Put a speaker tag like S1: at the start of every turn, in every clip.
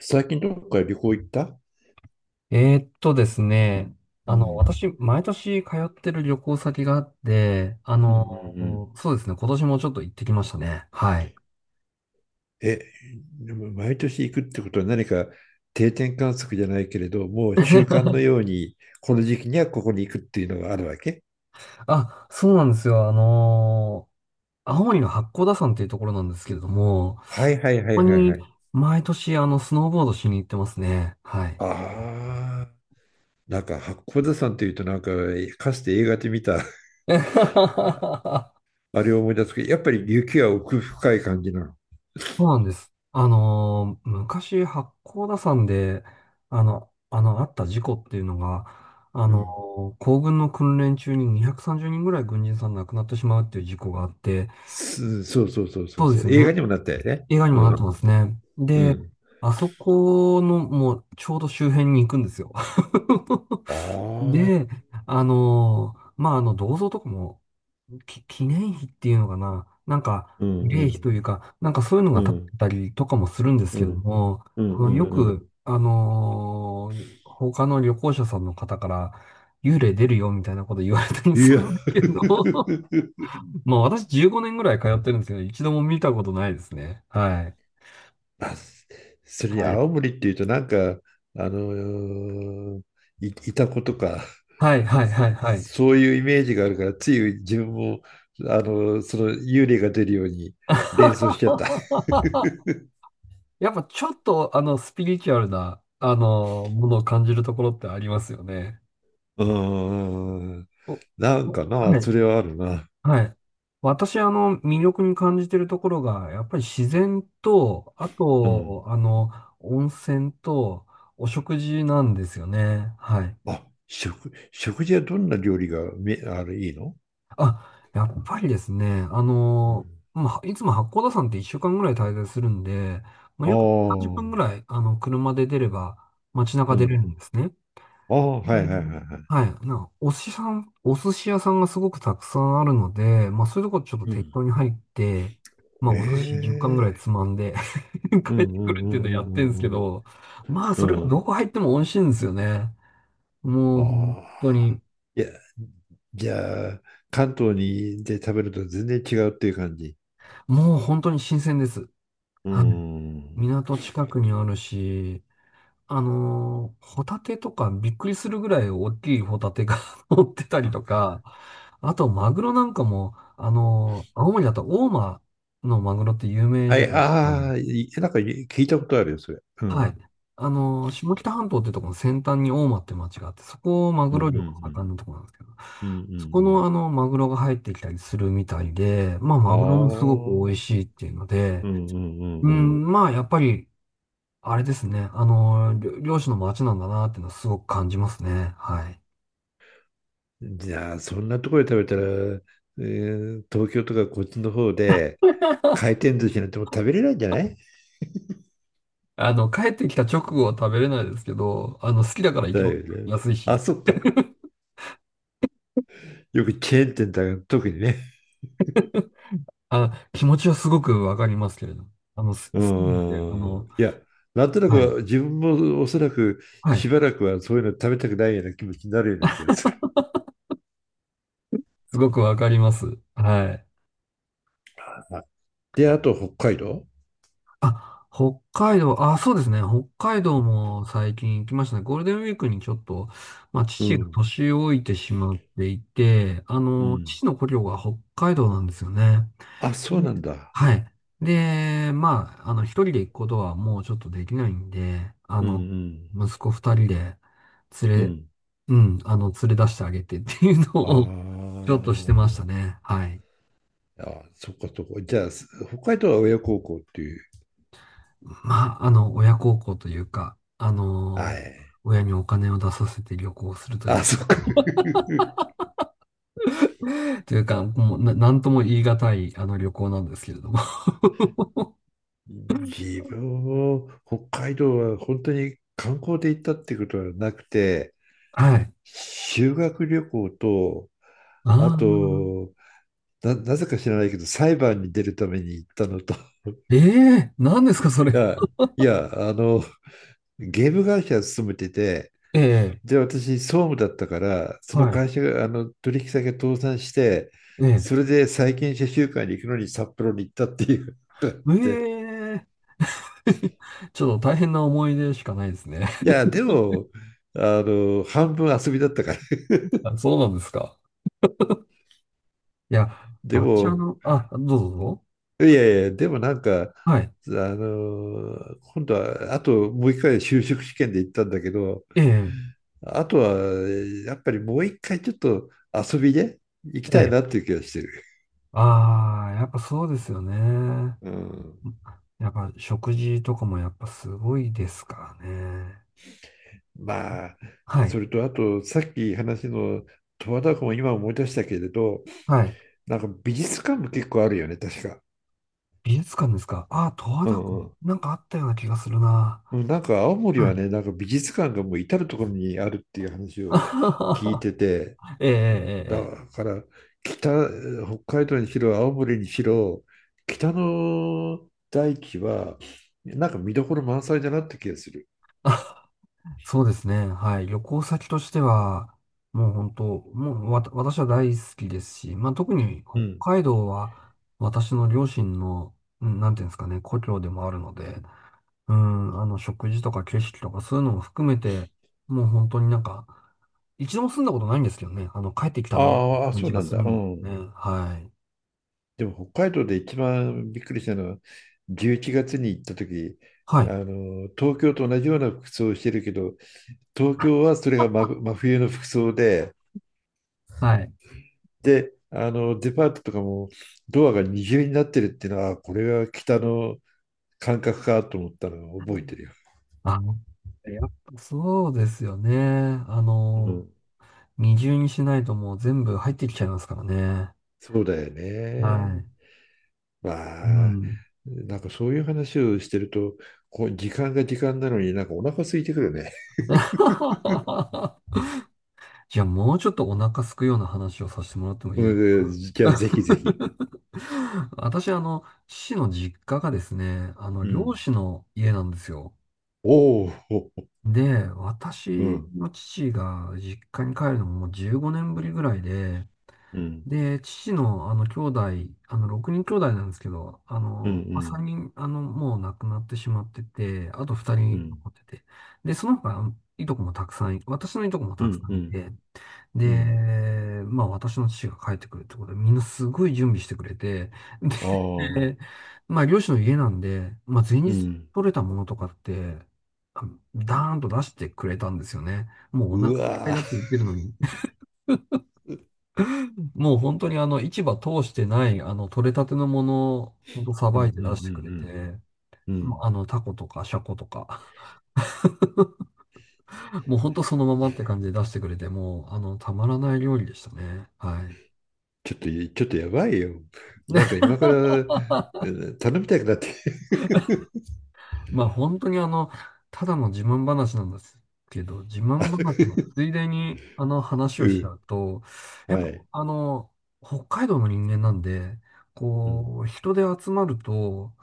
S1: 最近どっか旅行行った？
S2: ですね、
S1: うん
S2: 私、毎年通ってる旅行先があって、
S1: うんうんうん。
S2: そうですね、今年もちょっと行ってきましたね。はい。
S1: え、でも毎年行くってことは何か定点観測じゃないけれど、もう習慣 のように、この時期にはここに行くっていうのがあるわけ？
S2: あ、そうなんですよ。青森の八甲田山っていうところなんですけれども、こ
S1: はいはいはい
S2: こ
S1: はいは
S2: に
S1: い。
S2: 毎年、スノーボードしに行ってますね。はい。
S1: ああ、なんか八甲田山というと、なんかかつて映画で見た あ あれを思い出すけど、やっぱり雪は奥深い感じなの？
S2: そうなんです。昔、八甲田山で、あった事故っていうのが、あ
S1: う
S2: の
S1: ん。
S2: 行軍の訓練中に230人ぐらい軍人さん亡くなってしまうっていう事故があって、
S1: すそうそうそうそ
S2: そ
S1: う
S2: うで
S1: そう。
S2: すよ
S1: 映
S2: ね。
S1: 画にもなったよね。
S2: 映画にも
S1: う
S2: なって
S1: ん。
S2: ますね。
S1: う
S2: で、
S1: ん。
S2: あそこの、もう、ちょうど周辺に行くんですよ。
S1: ああ。
S2: で、まあ、銅像とかも、記念碑っていうのかな、なんか、
S1: うん
S2: 慰
S1: う
S2: 霊碑
S1: ん
S2: というか、なんかそういうの
S1: う
S2: が立っ
S1: ん。
S2: てたりとかもするんです
S1: う
S2: けど
S1: ん、
S2: も、
S1: うん、う
S2: よ
S1: ん、うん。
S2: く、他の旅行者さんの方から、幽霊出るよみたいなこと言われたり
S1: い
S2: す
S1: や、
S2: るんですけ ど、まあ私15年ぐらい通ってるんですけど、一度も見たことないですね。はい。
S1: あ、それに
S2: はい。
S1: 青森っていうとなんか、あのいたことか、
S2: はい、はい、はい、はい。
S1: そういうイメージがあるから、つい自分も、その幽霊が出るように連想しちゃった。
S2: やっぱちょっと、スピリチュアルな、ものを感じるところってありますよね。
S1: うん、
S2: お
S1: なんかな、
S2: は
S1: そ
S2: い。
S1: れはあるな。
S2: はい。私、魅力に感じてるところが、やっぱり自然と、あ
S1: うん。
S2: と、温泉と、お食事なんですよね。はい。
S1: あ、食事はどんな料理がめ、あれ、いいの？
S2: あ、やっぱりですね、
S1: うん、
S2: まあ、いつも八甲田山って1週間ぐらい滞在するんで、まあ、
S1: あ
S2: よく30分ぐ
S1: あ、
S2: らい、車で出れば、街中
S1: う
S2: 出れる
S1: ん、
S2: んですね。
S1: ああ、は
S2: で、
S1: いはいはいはい。
S2: はい。なんか、お寿司屋さんがすごくたくさんあるので、まあそういうとこちょっと
S1: う
S2: 適
S1: ん。
S2: 当に入って、まあお寿司10貫ぐ
S1: え
S2: らい
S1: え。
S2: つまんで
S1: う
S2: 帰って
S1: んう
S2: く
S1: ん
S2: る
S1: う
S2: っていう
S1: ん
S2: の
S1: う
S2: やってるん
S1: ん
S2: で
S1: う
S2: すけ
S1: ん
S2: ど、まあ
S1: う
S2: それ
S1: ん
S2: が
S1: うん
S2: どこ入っても美味しいんですよね。
S1: あ
S2: もう本当
S1: あ。
S2: に、
S1: いや、じゃあ、関東にで食べると全然違うっていう感じ。
S2: もう本当に新鮮です。
S1: う
S2: はい。
S1: ん。
S2: 港近くにあるし、ホタテとかびっくりするぐらい大きいホタテが 乗ってたりとか、あとマグロなんかも、青森だと大間のマグロって有名
S1: は
S2: じゃん。
S1: い、ああ、なんかい聞いたことあるよ、それ。う
S2: はい。
S1: ん。
S2: 下北半島ってところの先端に大間って町があって、そこをマ
S1: う
S2: グ
S1: んうん
S2: ロ漁が盛んなと
S1: う
S2: ころなんですけど、
S1: んう
S2: そこ
S1: ん
S2: のマグロが入ってきたりするみたいで、まあ、マグロもすごく美味しいっていうの
S1: うんうんああうん
S2: で、
S1: う
S2: う
S1: んうん
S2: ん、まあ、やっぱりあれですね。漁師の町なんだなっていうのはすごく感じますね。はい。
S1: うん。じゃあ、そんなところで食べたら、東京とかこっちの方で回 転寿司なんてもう食べれないんじゃない？
S2: 帰ってきた直後は食べれないですけど、好きだから行き
S1: だ
S2: ます。
S1: よね。
S2: 安い
S1: あ、
S2: し。
S1: そっか。よくチェーン店だが特にね。
S2: あ、気持ちはすごくわかりますけれど。好きなん
S1: う
S2: で、
S1: ん。いや、なんとな
S2: はい。
S1: く自分もおそらく
S2: はい。
S1: しばらくはそういうの食べたくないような気持ちになるような気がする。
S2: すごくわかります。はい。
S1: あ、で、あと北海道。
S2: あ、北海道、あ、そうですね。北海道も最近行きましたね。ゴールデンウィークにちょっと、まあ、
S1: う
S2: 父が
S1: ん。
S2: 年老いてしまっていて、
S1: うん。
S2: 父の故郷が北海道なんですよね。
S1: あ、そう
S2: で、
S1: なんだ。
S2: はい。で、まあ、一人で行くことはもうちょっとできないんで、
S1: うん
S2: 息子二人で
S1: うん。う
S2: 連れ、
S1: ん。
S2: うん、連れ出してあげてっていう
S1: あ
S2: のを ちょっとしてまし
S1: ー
S2: たね。はい。
S1: あ、そっかそっか。じゃあ、北海道は親孝行っていう。
S2: まあ、親孝行というか、
S1: はい。
S2: 親にお金を出させて旅行するとい
S1: あ、
S2: うか、
S1: そっか。
S2: というか、もうなんとも言い難い、旅行なんですけれども。
S1: 自分も北海道は本当に観光で行ったってことはなくて、
S2: はい。
S1: 修学旅行と、あ
S2: ああ、
S1: と、なぜか知らないけど、裁判に出るために行ったのと、い
S2: ええー、何ですか、それは。
S1: や、いや、ゲーム会社勤めてて、
S2: ええ、
S1: で、私、総務だったから、その
S2: はい。
S1: 会社が、取引先が倒産して、
S2: え
S1: それで債権者集会に行くのに札幌に行ったっていうっ
S2: え
S1: て、
S2: ええ。 ちょっと大変な思い出しかないですね。
S1: い や、でも、半分遊びだったから、
S2: あ、そうなんですか。いや、
S1: で
S2: 私
S1: も、
S2: あ、どうぞどうぞ。
S1: いやいや、でもなんか、
S2: はい。
S1: あの今度は、あともう一回就職試験で行ったんだけど、
S2: ええ、
S1: あとは、やっぱりもう一回ちょっと遊びで行き
S2: え
S1: たい
S2: え。
S1: なっていう気がしてる。
S2: ああ、やっぱそうですよね。
S1: うん。
S2: やっぱ食事とかもやっぱすごいですからね。
S1: まあ、
S2: はい。
S1: それとあと、さっき話の十和田湖も今思い出したけれど、
S2: はい。
S1: なんか美術館も結構あるよね、確か。
S2: 美術館ですか。ああ、十和
S1: う
S2: 田
S1: んう
S2: 湖。
S1: ん。
S2: なんかあったような気がするな。
S1: うん、なんか青森
S2: は
S1: は
S2: い。
S1: ね、なんか美術館がもう至る所にあるっていう話
S2: あ
S1: を
S2: はは
S1: 聞い
S2: は
S1: てて、
S2: ええ、ええ、
S1: だから北、北海道にしろ青森にしろ北の大地はなんか見どころ満載だなって気がする。
S2: ええ。そうですね。はい。旅行先としては、もう本当、もうわた、私は大好きですし、まあ特に
S1: う
S2: 北
S1: ん。
S2: 海道は私の両親の、うん、なんていうんですかね、故郷でもあるので、うん、食事とか景色とかそういうのも含めて、もう本当になんか、一度も住んだことないんですけどね、帰ってきたなって
S1: ああ、
S2: 感
S1: そう
S2: じが
S1: なん
S2: する
S1: だ。う
S2: んですね。
S1: ん。
S2: はい。
S1: でも北海道で一番びっくりしたのは11月に行った時、
S2: は
S1: あ
S2: い。
S1: の東京と同じような服装をしてるけど、東京はそれが真、真冬の服装で。
S2: はい。
S1: で、デパートとかもドアが二重になってるっていうのは、あ、これが北の感覚かと思ったのを覚えてるよ。
S2: あ、やっぱそうですよね。
S1: うん、
S2: 二重にしないともう全部入ってきちゃいますからね。
S1: そうだよ
S2: は
S1: ね。
S2: い。う
S1: わあ、
S2: ん。
S1: なんかそういう話をしてると、こう時間が時間なのになんかお腹空いてくるね。
S2: じゃあもうちょっとお腹すくような話をさせてもらっても いいです
S1: うん、
S2: か？
S1: じゃあぜひぜひ。
S2: 私、父の実家がですね、
S1: う
S2: 漁
S1: ん。
S2: 師の家なんですよ。
S1: おーおー、
S2: で、
S1: う
S2: 私
S1: ん、
S2: の父が実家に帰るのももう15年ぶりぐらいで、
S1: うん、
S2: 父の、兄弟、6人兄弟なんですけど、
S1: うん、う
S2: まあ、
S1: ん、
S2: 3人、もう亡くなってしまってて、あと2
S1: う
S2: 人
S1: ん、
S2: 残ってて、で、その他、あのいとこもたくさんい、私のいとこも
S1: う
S2: たくさんい
S1: ん、
S2: て、
S1: うん、
S2: で、まあ、私の父が帰ってくるってことで、みんなすごい準備してくれて、
S1: ああー、
S2: で、まあ、漁師の家なんで、まあ、前
S1: う
S2: 日
S1: ん、
S2: 取れたものとかって、あのダーンと出してくれたんですよね。もうお腹
S1: う
S2: いっぱい
S1: わ
S2: だって言ってるのに、
S1: ー、
S2: もう本当に市場通してない、取れたてのものを、本当さ
S1: うん、う
S2: ば
S1: ん、
S2: いて
S1: う
S2: 出してくれて、
S1: ん、うん、う
S2: もう
S1: ん。
S2: タコとかシャコとか、もう本当そのままって感じで出してくれて、もう、たまらない料理でしたね。はい。
S1: ちょっと、ちょっとやばいよ。
S2: ね
S1: なんか今から、 うん、頼みたくなって。
S2: まあ本当にただの自慢話なんですけど、自慢話の ついでに、話を
S1: う
S2: しちゃ
S1: ん、
S2: うと、やっ
S1: は
S2: ぱ、
S1: い。
S2: 北海道の人間なんで、
S1: うん。
S2: こう、人で集まると、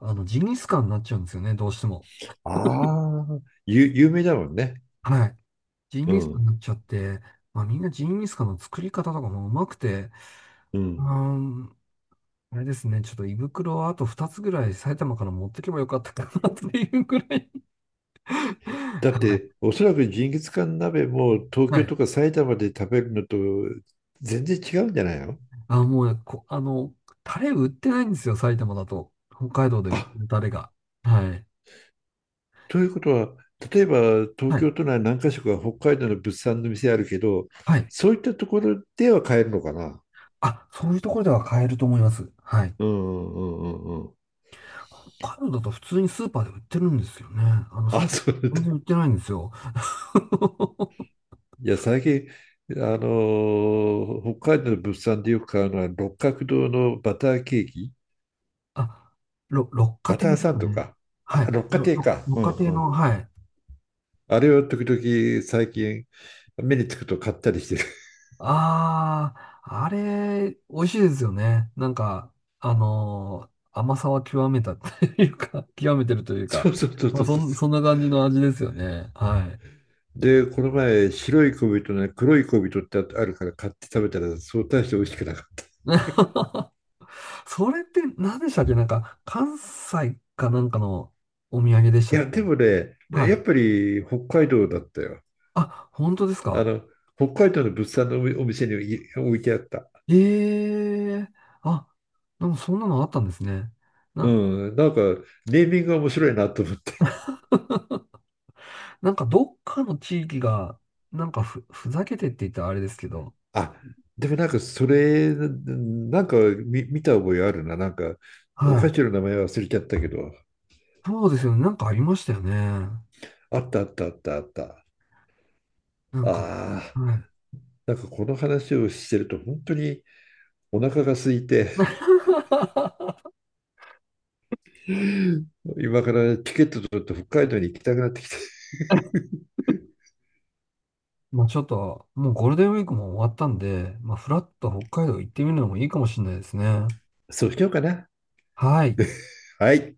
S2: ジンギスカンになっちゃうんですよね、どうしても。
S1: ああ、有名だもんね。
S2: はい。ジン
S1: う
S2: ギスカンに
S1: ん。
S2: なっちゃって、まあみんなジンギスカンの作り方とかもうまくて、
S1: う
S2: うー
S1: ん。
S2: ん、あれですね、ちょっと胃袋をあと2つぐらい埼玉から持ってけばよかったかなっていうぐらい。
S1: だっ
S2: は
S1: て、
S2: い。
S1: おそらくジンギスカン鍋も東
S2: は
S1: 京
S2: い。
S1: とか埼玉で食べるのと全然違うんじゃないの？
S2: あ、もうタレ売ってないんですよ、埼玉だと。北海道で売って
S1: あ、
S2: るタレが。はい。
S1: ということは、例えば東
S2: はい。
S1: 京都内何か所か北海道の物産の店あるけど、
S2: はい。
S1: そういったところでは買えるのかな？
S2: あ、そういうところでは買えると思います。はい。
S1: うんうんうんうんうん。
S2: 北海道だと普通にスーパーで売ってるんですよね。
S1: あ、
S2: 埼
S1: そうだっ
S2: 玉全然売っ
S1: た。
S2: てないんですよ。
S1: いや、最近、北海道の物産でよく買うのは六角堂のバターケーキ。
S2: あ、六花
S1: バ
S2: 亭
S1: タ
S2: で
S1: ー
S2: す
S1: サ
S2: か
S1: ンド
S2: ね。
S1: か、
S2: はい。
S1: 六花亭か、う
S2: 六花
S1: ん
S2: 亭
S1: うん。
S2: の、はい。
S1: あれを時々最近目につくと買ったりしてる。
S2: ああ、あれ、美味しいですよね。なんか、甘さは極めたっていうか、極めてるとい う
S1: そ
S2: か、
S1: うそうそう
S2: まあ、
S1: そうそ
S2: そんな感じの味ですよね。はい。
S1: う。で、この前、白い小人ね、黒い小人ってあるから買って食べたら、そう大して美味しくなかった。い
S2: それって何でしたっけ？なんか、関西かなんかのお土産でしたっけ？
S1: や、でもね、
S2: はい。
S1: やっぱり北海道だったよ。
S2: あ、本当です
S1: あ
S2: か？
S1: の、北海道の物産のお店に置いてあった。
S2: ええ。あ、でもそんなのあったんですね。な、
S1: うん、なんか、ネーミングが面白いなと
S2: なんかどっかの地域が、なんかふざけてって言ったらあれですけど、
S1: あ、でもなんかそれ、なんか見た覚えあるな。なんか、お
S2: は
S1: 菓
S2: い。
S1: 子の名前忘れちゃったけど、
S2: そうですよね。なんかありましたよね。な
S1: あったあったあったあった。
S2: んか、
S1: ああ、
S2: はい。
S1: なんかこの話をしてると本当にお腹が空いて、今からチケット取って北海道に行きたくなってきて。
S2: まあちょっと、もうゴールデンウィークも終わったんで、まあフラッと北海道行ってみるのもいいかもしれないですね。
S1: そうしようかな。
S2: はい。
S1: はい。